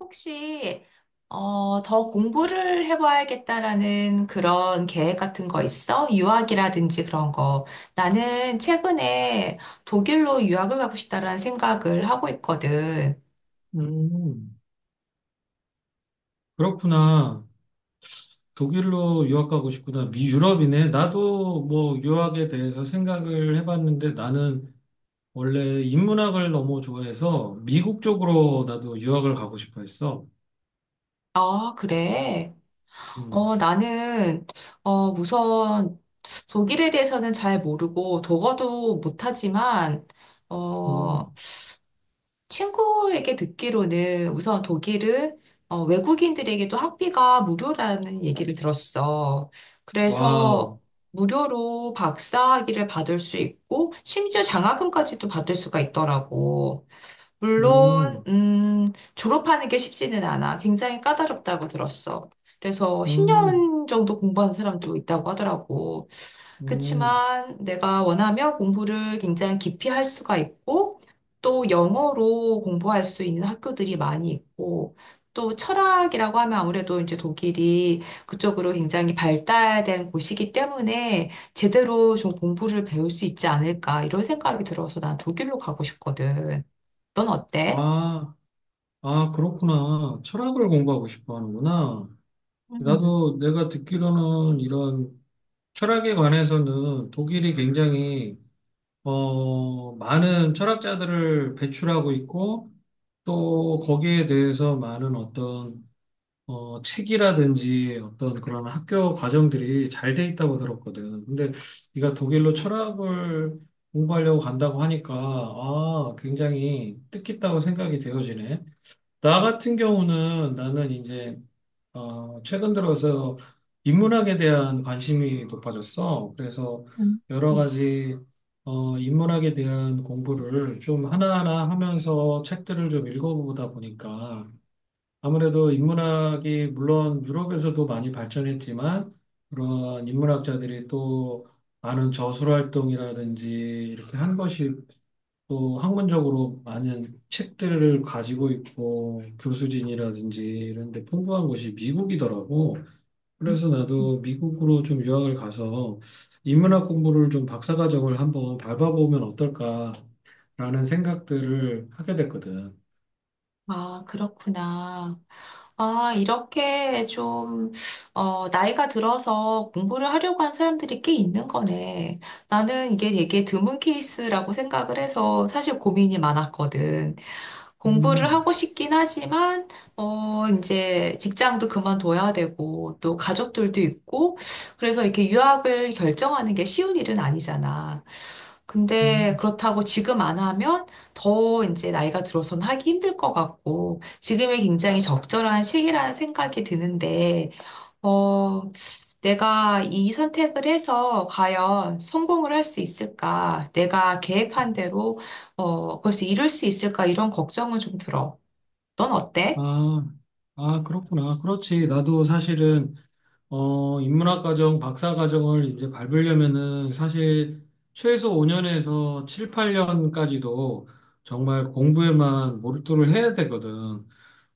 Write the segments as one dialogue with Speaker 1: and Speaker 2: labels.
Speaker 1: 혹시 더 공부를 해봐야겠다라는 그런 계획 같은 거 있어? 유학이라든지 그런 거. 나는 최근에 독일로 유학을 가고 싶다라는 생각을 하고 있거든.
Speaker 2: 음, 그렇구나. 독일로 유학 가고 싶구나. 미 유럽이네. 나도 뭐 유학에 대해서 생각을 해봤는데 나는 원래 인문학을 너무 좋아해서 미국 쪽으로 나도 유학을 가고 싶어 했어.
Speaker 1: 아, 그래?
Speaker 2: 음.
Speaker 1: 나는 우선 독일에 대해서는 잘 모르고 독어도 못하지만 어,
Speaker 2: 음.
Speaker 1: 친구에게 듣기로는 우선 독일은 외국인들에게도 학비가 무료라는 얘기를 들었어. 그래서
Speaker 2: 와우.
Speaker 1: 무료로 박사학위를 받을 수 있고, 심지어 장학금까지도 받을 수가 있더라고. 물론,
Speaker 2: 음.
Speaker 1: 졸업하는 게 쉽지는 않아. 굉장히 까다롭다고 들었어. 그래서
Speaker 2: 음.
Speaker 1: 10년 정도 공부한 사람도 있다고 하더라고.
Speaker 2: 음.
Speaker 1: 그치만 내가 원하면 공부를 굉장히 깊이 할 수가 있고, 또 영어로 공부할 수 있는 학교들이 많이 있고, 또 철학이라고 하면 아무래도 이제 독일이 그쪽으로 굉장히 발달된 곳이기 때문에 제대로 좀 공부를 배울 수 있지 않을까, 이런 생각이 들어서 난 독일로 가고 싶거든. 넌 어때?
Speaker 2: 아, 아, 그렇구나. 철학을 공부하고 싶어 하는구나.
Speaker 1: 음.
Speaker 2: 나도 내가 듣기로는 이런 철학에 관해서는 독일이 굉장히 많은 철학자들을 배출하고 있고 또 거기에 대해서 많은 어떤 책이라든지 어떤 그런 학교 과정들이 잘 돼 있다고 들었거든. 근데 네가 독일로 철학을 공부하려고 간다고 하니까 아, 굉장히 뜻깊다고 생각이 되어지네. 나 같은 경우는 나는 이제 최근 들어서 인문학에 대한 관심이 높아졌어. 그래서
Speaker 1: 음,
Speaker 2: 여러
Speaker 1: 음,
Speaker 2: 가지 인문학에 대한 공부를 좀 하나하나 하면서 책들을 좀 읽어보다 보니까 아무래도 인문학이 물론 유럽에서도 많이 발전했지만 그런 인문학자들이 또 많은 저술 활동이라든지 이렇게 한 것이 또 학문적으로 많은 책들을 가지고 있고 교수진이라든지 이런 데 풍부한 곳이 미국이더라고. 그래서
Speaker 1: 음.
Speaker 2: 나도 미국으로 좀 유학을 가서 인문학 공부를 좀 박사과정을 한번 밟아보면 어떨까라는 생각들을 하게 됐거든.
Speaker 1: 아, 그렇구나. 아, 이렇게 좀, 나이가 들어서 공부를 하려고 한 사람들이 꽤 있는 거네. 나는 이게 되게 드문 케이스라고 생각을 해서 사실 고민이 많았거든. 공부를 하고
Speaker 2: 음.
Speaker 1: 싶긴 하지만, 이제 직장도 그만둬야 되고, 또 가족들도 있고, 그래서 이렇게 유학을 결정하는 게 쉬운 일은 아니잖아. 근데
Speaker 2: 음.
Speaker 1: 그렇다고 지금 안 하면 더 이제 나이가 들어서는 하기 힘들 것 같고, 지금이 굉장히 적절한 시기라는 생각이 드는데, 어, 내가 이 선택을 해서 과연 성공을 할 수 있을까? 내가 계획한 대로, 그것을 이룰 수 있을까? 이런 걱정은 좀 들어. 넌 어때?
Speaker 2: 아, 아, 그렇구나. 그렇지. 나도 사실은 인문학 과정, 박사 과정을 이제 밟으려면은 사실 최소 5년에서 7, 8년까지도 정말 공부에만 몰두를 해야 되거든.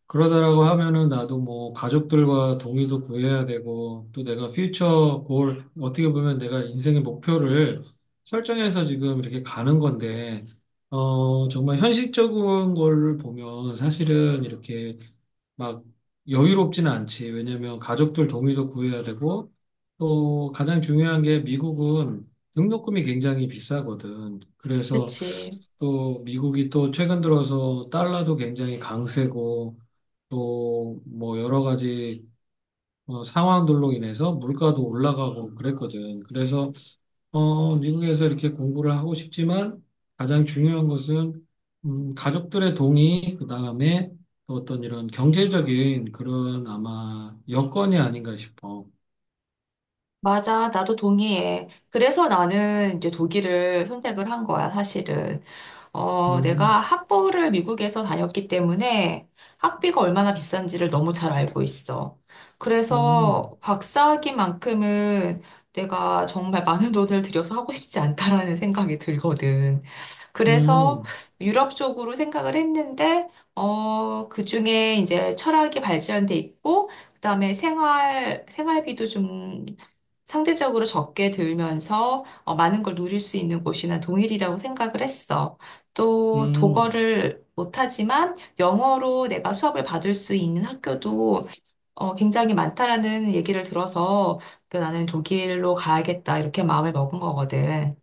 Speaker 2: 그러다라고 하면은 나도 뭐 가족들과 동의도 구해야 되고 또 내가 퓨처 골, 어떻게 보면 내가 인생의 목표를 설정해서 지금 이렇게 가는 건데, 정말 현실적인 걸 보면 사실은 이렇게 막 여유롭지는 않지. 왜냐면 가족들 동의도 구해야 되고 또 가장 중요한 게 미국은 등록금이 굉장히 비싸거든. 그래서
Speaker 1: 그치.
Speaker 2: 또 미국이 또 최근 들어서 달러도 굉장히 강세고 또 뭐 여러 가지 상황들로 인해서 물가도 올라가고 그랬거든. 그래서 미국에서 이렇게 공부를 하고 싶지만 가장 중요한 것은 가족들의 동의, 그 다음에 또 어떤 이런 경제적인 그런 아마 여건이 아닌가 싶어.
Speaker 1: 맞아. 나도 동의해. 그래서 나는 이제 독일을 선택을 한 거야, 사실은.
Speaker 2: 음.
Speaker 1: 내가 학부를 미국에서 다녔기 때문에 학비가 얼마나 비싼지를 너무 잘 알고 있어.
Speaker 2: 음.
Speaker 1: 그래서 박사학위만큼은 내가 정말 많은 돈을 들여서 하고 싶지 않다라는 생각이 들거든. 그래서
Speaker 2: 음.
Speaker 1: 유럽 쪽으로 생각을 했는데, 그중에 이제 철학이 발전돼 있고, 그다음에 생활비도 좀 상대적으로 적게 들면서 많은 걸 누릴 수 있는 곳이나 동일이라고 생각을 했어. 또
Speaker 2: 음.
Speaker 1: 독어를 못하지만 영어로 내가 수업을 받을 수 있는 학교도 굉장히 많다라는 얘기를 들어서 그 나는 독일로 가야겠다 이렇게 마음을 먹은 거거든.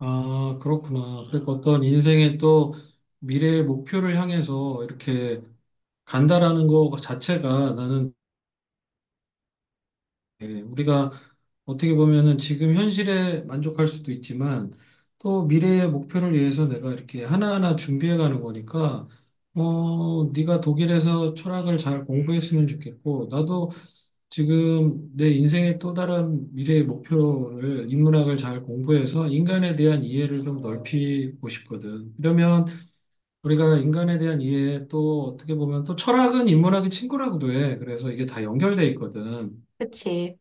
Speaker 2: 아, 그렇구나. 그러니까 어떤 인생의 또 미래의 목표를 향해서 이렇게 간다라는 것 자체가 나는 예, 우리가 어떻게 보면은 지금 현실에 만족할 수도 있지만 또 미래의 목표를 위해서 내가 이렇게 하나하나 준비해가는 거니까 네가 독일에서 철학을 잘 공부했으면 좋겠고 나도 지금 내 인생의 또 다른 미래의 목표를 인문학을 잘 공부해서 인간에 대한 이해를 좀 넓히고 싶거든. 그러면 우리가 인간에 대한 이해 또 어떻게 보면 또 철학은 인문학의 친구라고도 해. 그래서 이게 다 연결돼 있거든.
Speaker 1: 그치?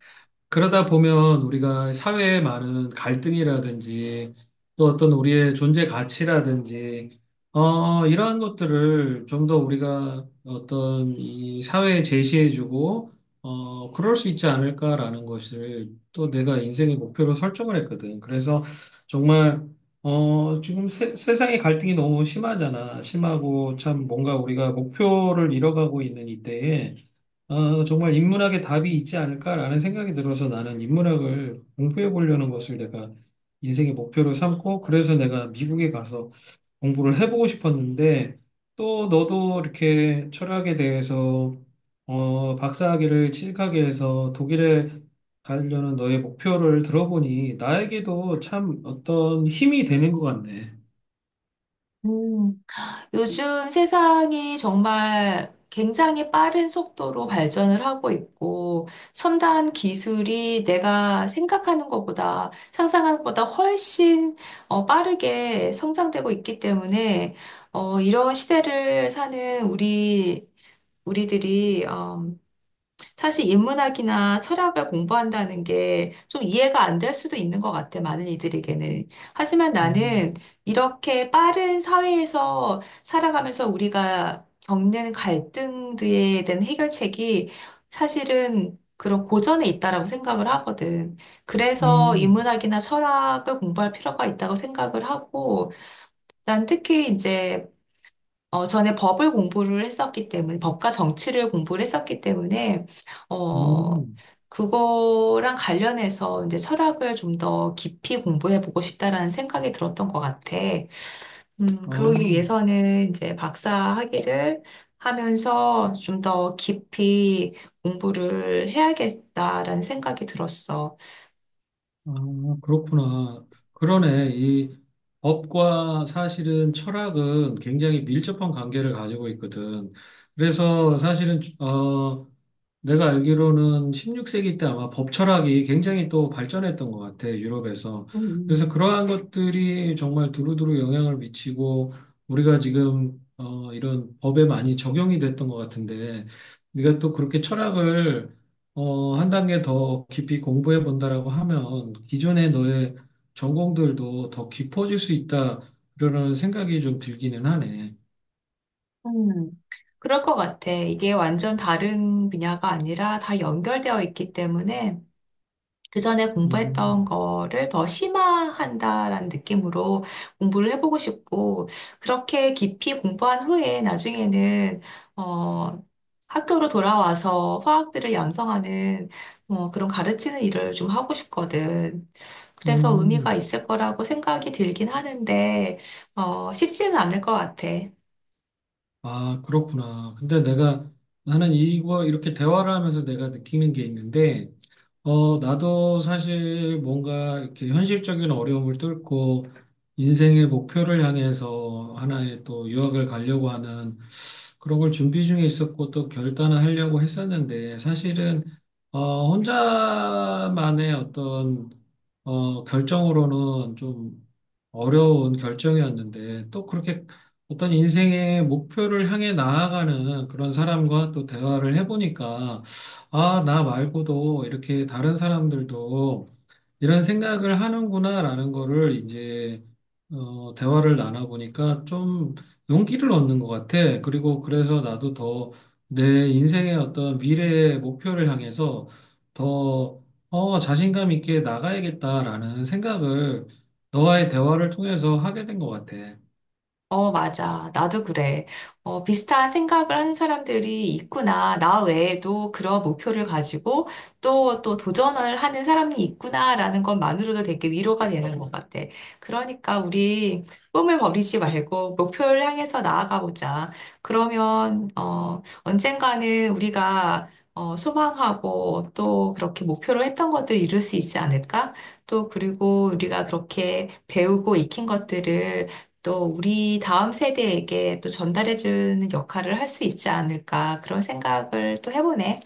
Speaker 2: 그러다 보면 우리가 사회에 많은 갈등이라든지 또 어떤 우리의 존재 가치라든지 이러한 것들을 좀 더 우리가 어떤 이 사회에 제시해주고 그럴 수 있지 않을까라는 것을 또 내가 인생의 목표로 설정을 했거든. 그래서 정말 지금 세상의 갈등이 너무 심하잖아. 심하고 참 뭔가 우리가 목표를 잃어가고 있는 이때에 아, 정말 인문학에 답이 있지 않을까라는 생각이 들어서 나는 인문학을 공부해 보려는 것을 내가 인생의 목표로 삼고 그래서 내가 미국에 가서 공부를 해보고 싶었는데 또 너도 이렇게 철학에 대해서 박사학위를 취득하게 해서 독일에 가려는 너의 목표를 들어보니 나에게도 참 어떤 힘이 되는 것 같네.
Speaker 1: 음. 요즘 세상이 정말 굉장히 빠른 속도로 발전을 하고 있고, 첨단 기술이 내가 생각하는 것보다, 상상하는 것보다 훨씬 빠르게 성장되고 있기 때문에, 이런 시대를 사는 우리, 우리들이, 사실 인문학이나 철학을 공부한다는 게 좀 이해가 안 될 수도 있는 것 같아, 많은 이들에게는. 하지만
Speaker 2: 음.
Speaker 1: 나는 이렇게 빠른 사회에서 살아가면서 우리가 겪는 갈등들에 대한 해결책이 사실은 그런 고전에 있다라고 생각을 하거든. 그래서
Speaker 2: 음.
Speaker 1: 인문학이나 철학을 공부할 필요가 있다고 생각을 하고, 난 특히 이제 전에 법을 공부를 했었기 때문에, 법과 정치를 공부를 했었기 때문에, 어,
Speaker 2: 음.
Speaker 1: 그거랑 관련해서 이제 철학을 좀 더 깊이 공부해 보고 싶다라는 생각이 들었던 것 같아.
Speaker 2: 아.
Speaker 1: 그러기 위해서는 이제 박사 학위를 하면서 좀 더 깊이 공부를 해야겠다라는 생각이 들었어.
Speaker 2: 아, 그렇구나. 그러네. 이 법과 사실은 철학은 굉장히 밀접한 관계를 가지고 있거든. 그래서 사실은, 내가 알기로는 16세기 때 아마 법철학이 굉장히 또 발전했던 것 같아, 유럽에서. 그래서
Speaker 1: 음,
Speaker 2: 그러한 것들이 정말 두루두루 영향을 미치고 우리가 지금 이런 법에 많이 적용이 됐던 것 같은데, 네가 또 그렇게 철학을 한 단계 더 깊이 공부해 본다라고 하면 기존의 너의 전공들도 더 깊어질 수 있다, 그러는 생각이 좀 들기는 하네.
Speaker 1: 음, 그럴 것 같아. 이게 완전 다른 분야가 아니라 다 연결되어 있기 때문에 그 전에 공부했던
Speaker 2: 음.
Speaker 1: 거를 더 심화한다라는 느낌으로 공부를 해보고 싶고, 그렇게 깊이 공부한 후에 나중에는, 어, 학교로 돌아와서 화학들을 양성하는, 그런 가르치는 일을 좀 하고 싶거든. 그래서 의미가
Speaker 2: 음.
Speaker 1: 있을 거라고 생각이 들긴 하는데, 쉽지는 않을 것 같아.
Speaker 2: 아, 그렇구나. 근데 나는 이렇게 대화를 하면서 내가 느끼는 게 있는데, 나도 사실 뭔가 이렇게 현실적인 어려움을 뚫고 인생의 목표를 향해서 하나의 또 유학을 가려고 하는 그런 걸 준비 중에 있었고 또 결단을 하려고 했었는데, 사실은, 혼자만의 어떤, 결정으로는 좀 어려운 결정이었는데 또 그렇게 어떤 인생의 목표를 향해 나아가는 그런 사람과 또 대화를 해보니까 아, 나 말고도 이렇게 다른 사람들도 이런 생각을 하는구나라는 거를 이제 대화를 나눠보니까 좀 용기를 얻는 것 같아. 그리고 그래서 나도 더 내 인생의 어떤 미래의 목표를 향해서 더 자신감 있게 나가야겠다라는 생각을 너와의 대화를 통해서 하게 된 것 같아.
Speaker 1: 어, 맞아. 나도 그래. 어, 비슷한 생각을 하는 사람들이 있구나. 나 외에도 그런 목표를 가지고 또 도전을 하는 사람이 있구나라는 것만으로도 되게 위로가 되는 것 같아. 그러니까 우리 꿈을 버리지 말고 목표를 향해서 나아가 보자. 그러면, 언젠가는 우리가 소망하고 또 그렇게 목표로 했던 것들을 이룰 수 있지 않을까? 또 그리고 우리가 그렇게 배우고 익힌 것들을 또 우리 다음 세대에게 또 전달해주는 역할을 할 수 있지 않을까 그런 생각을 또 해보네.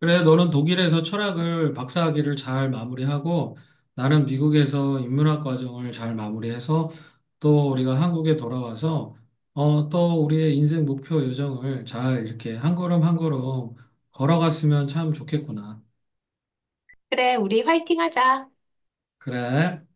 Speaker 2: 그래, 너는 독일에서 철학을 박사학위를 잘 마무리하고 나는 미국에서 인문학 과정을 잘 마무리해서 또 우리가 한국에 돌아와서 또 우리의 인생 목표 요정을 잘 이렇게 한 걸음 한 걸음 걸어갔으면 참 좋겠구나.
Speaker 1: 그래, 우리 화이팅 하자.
Speaker 2: 그래.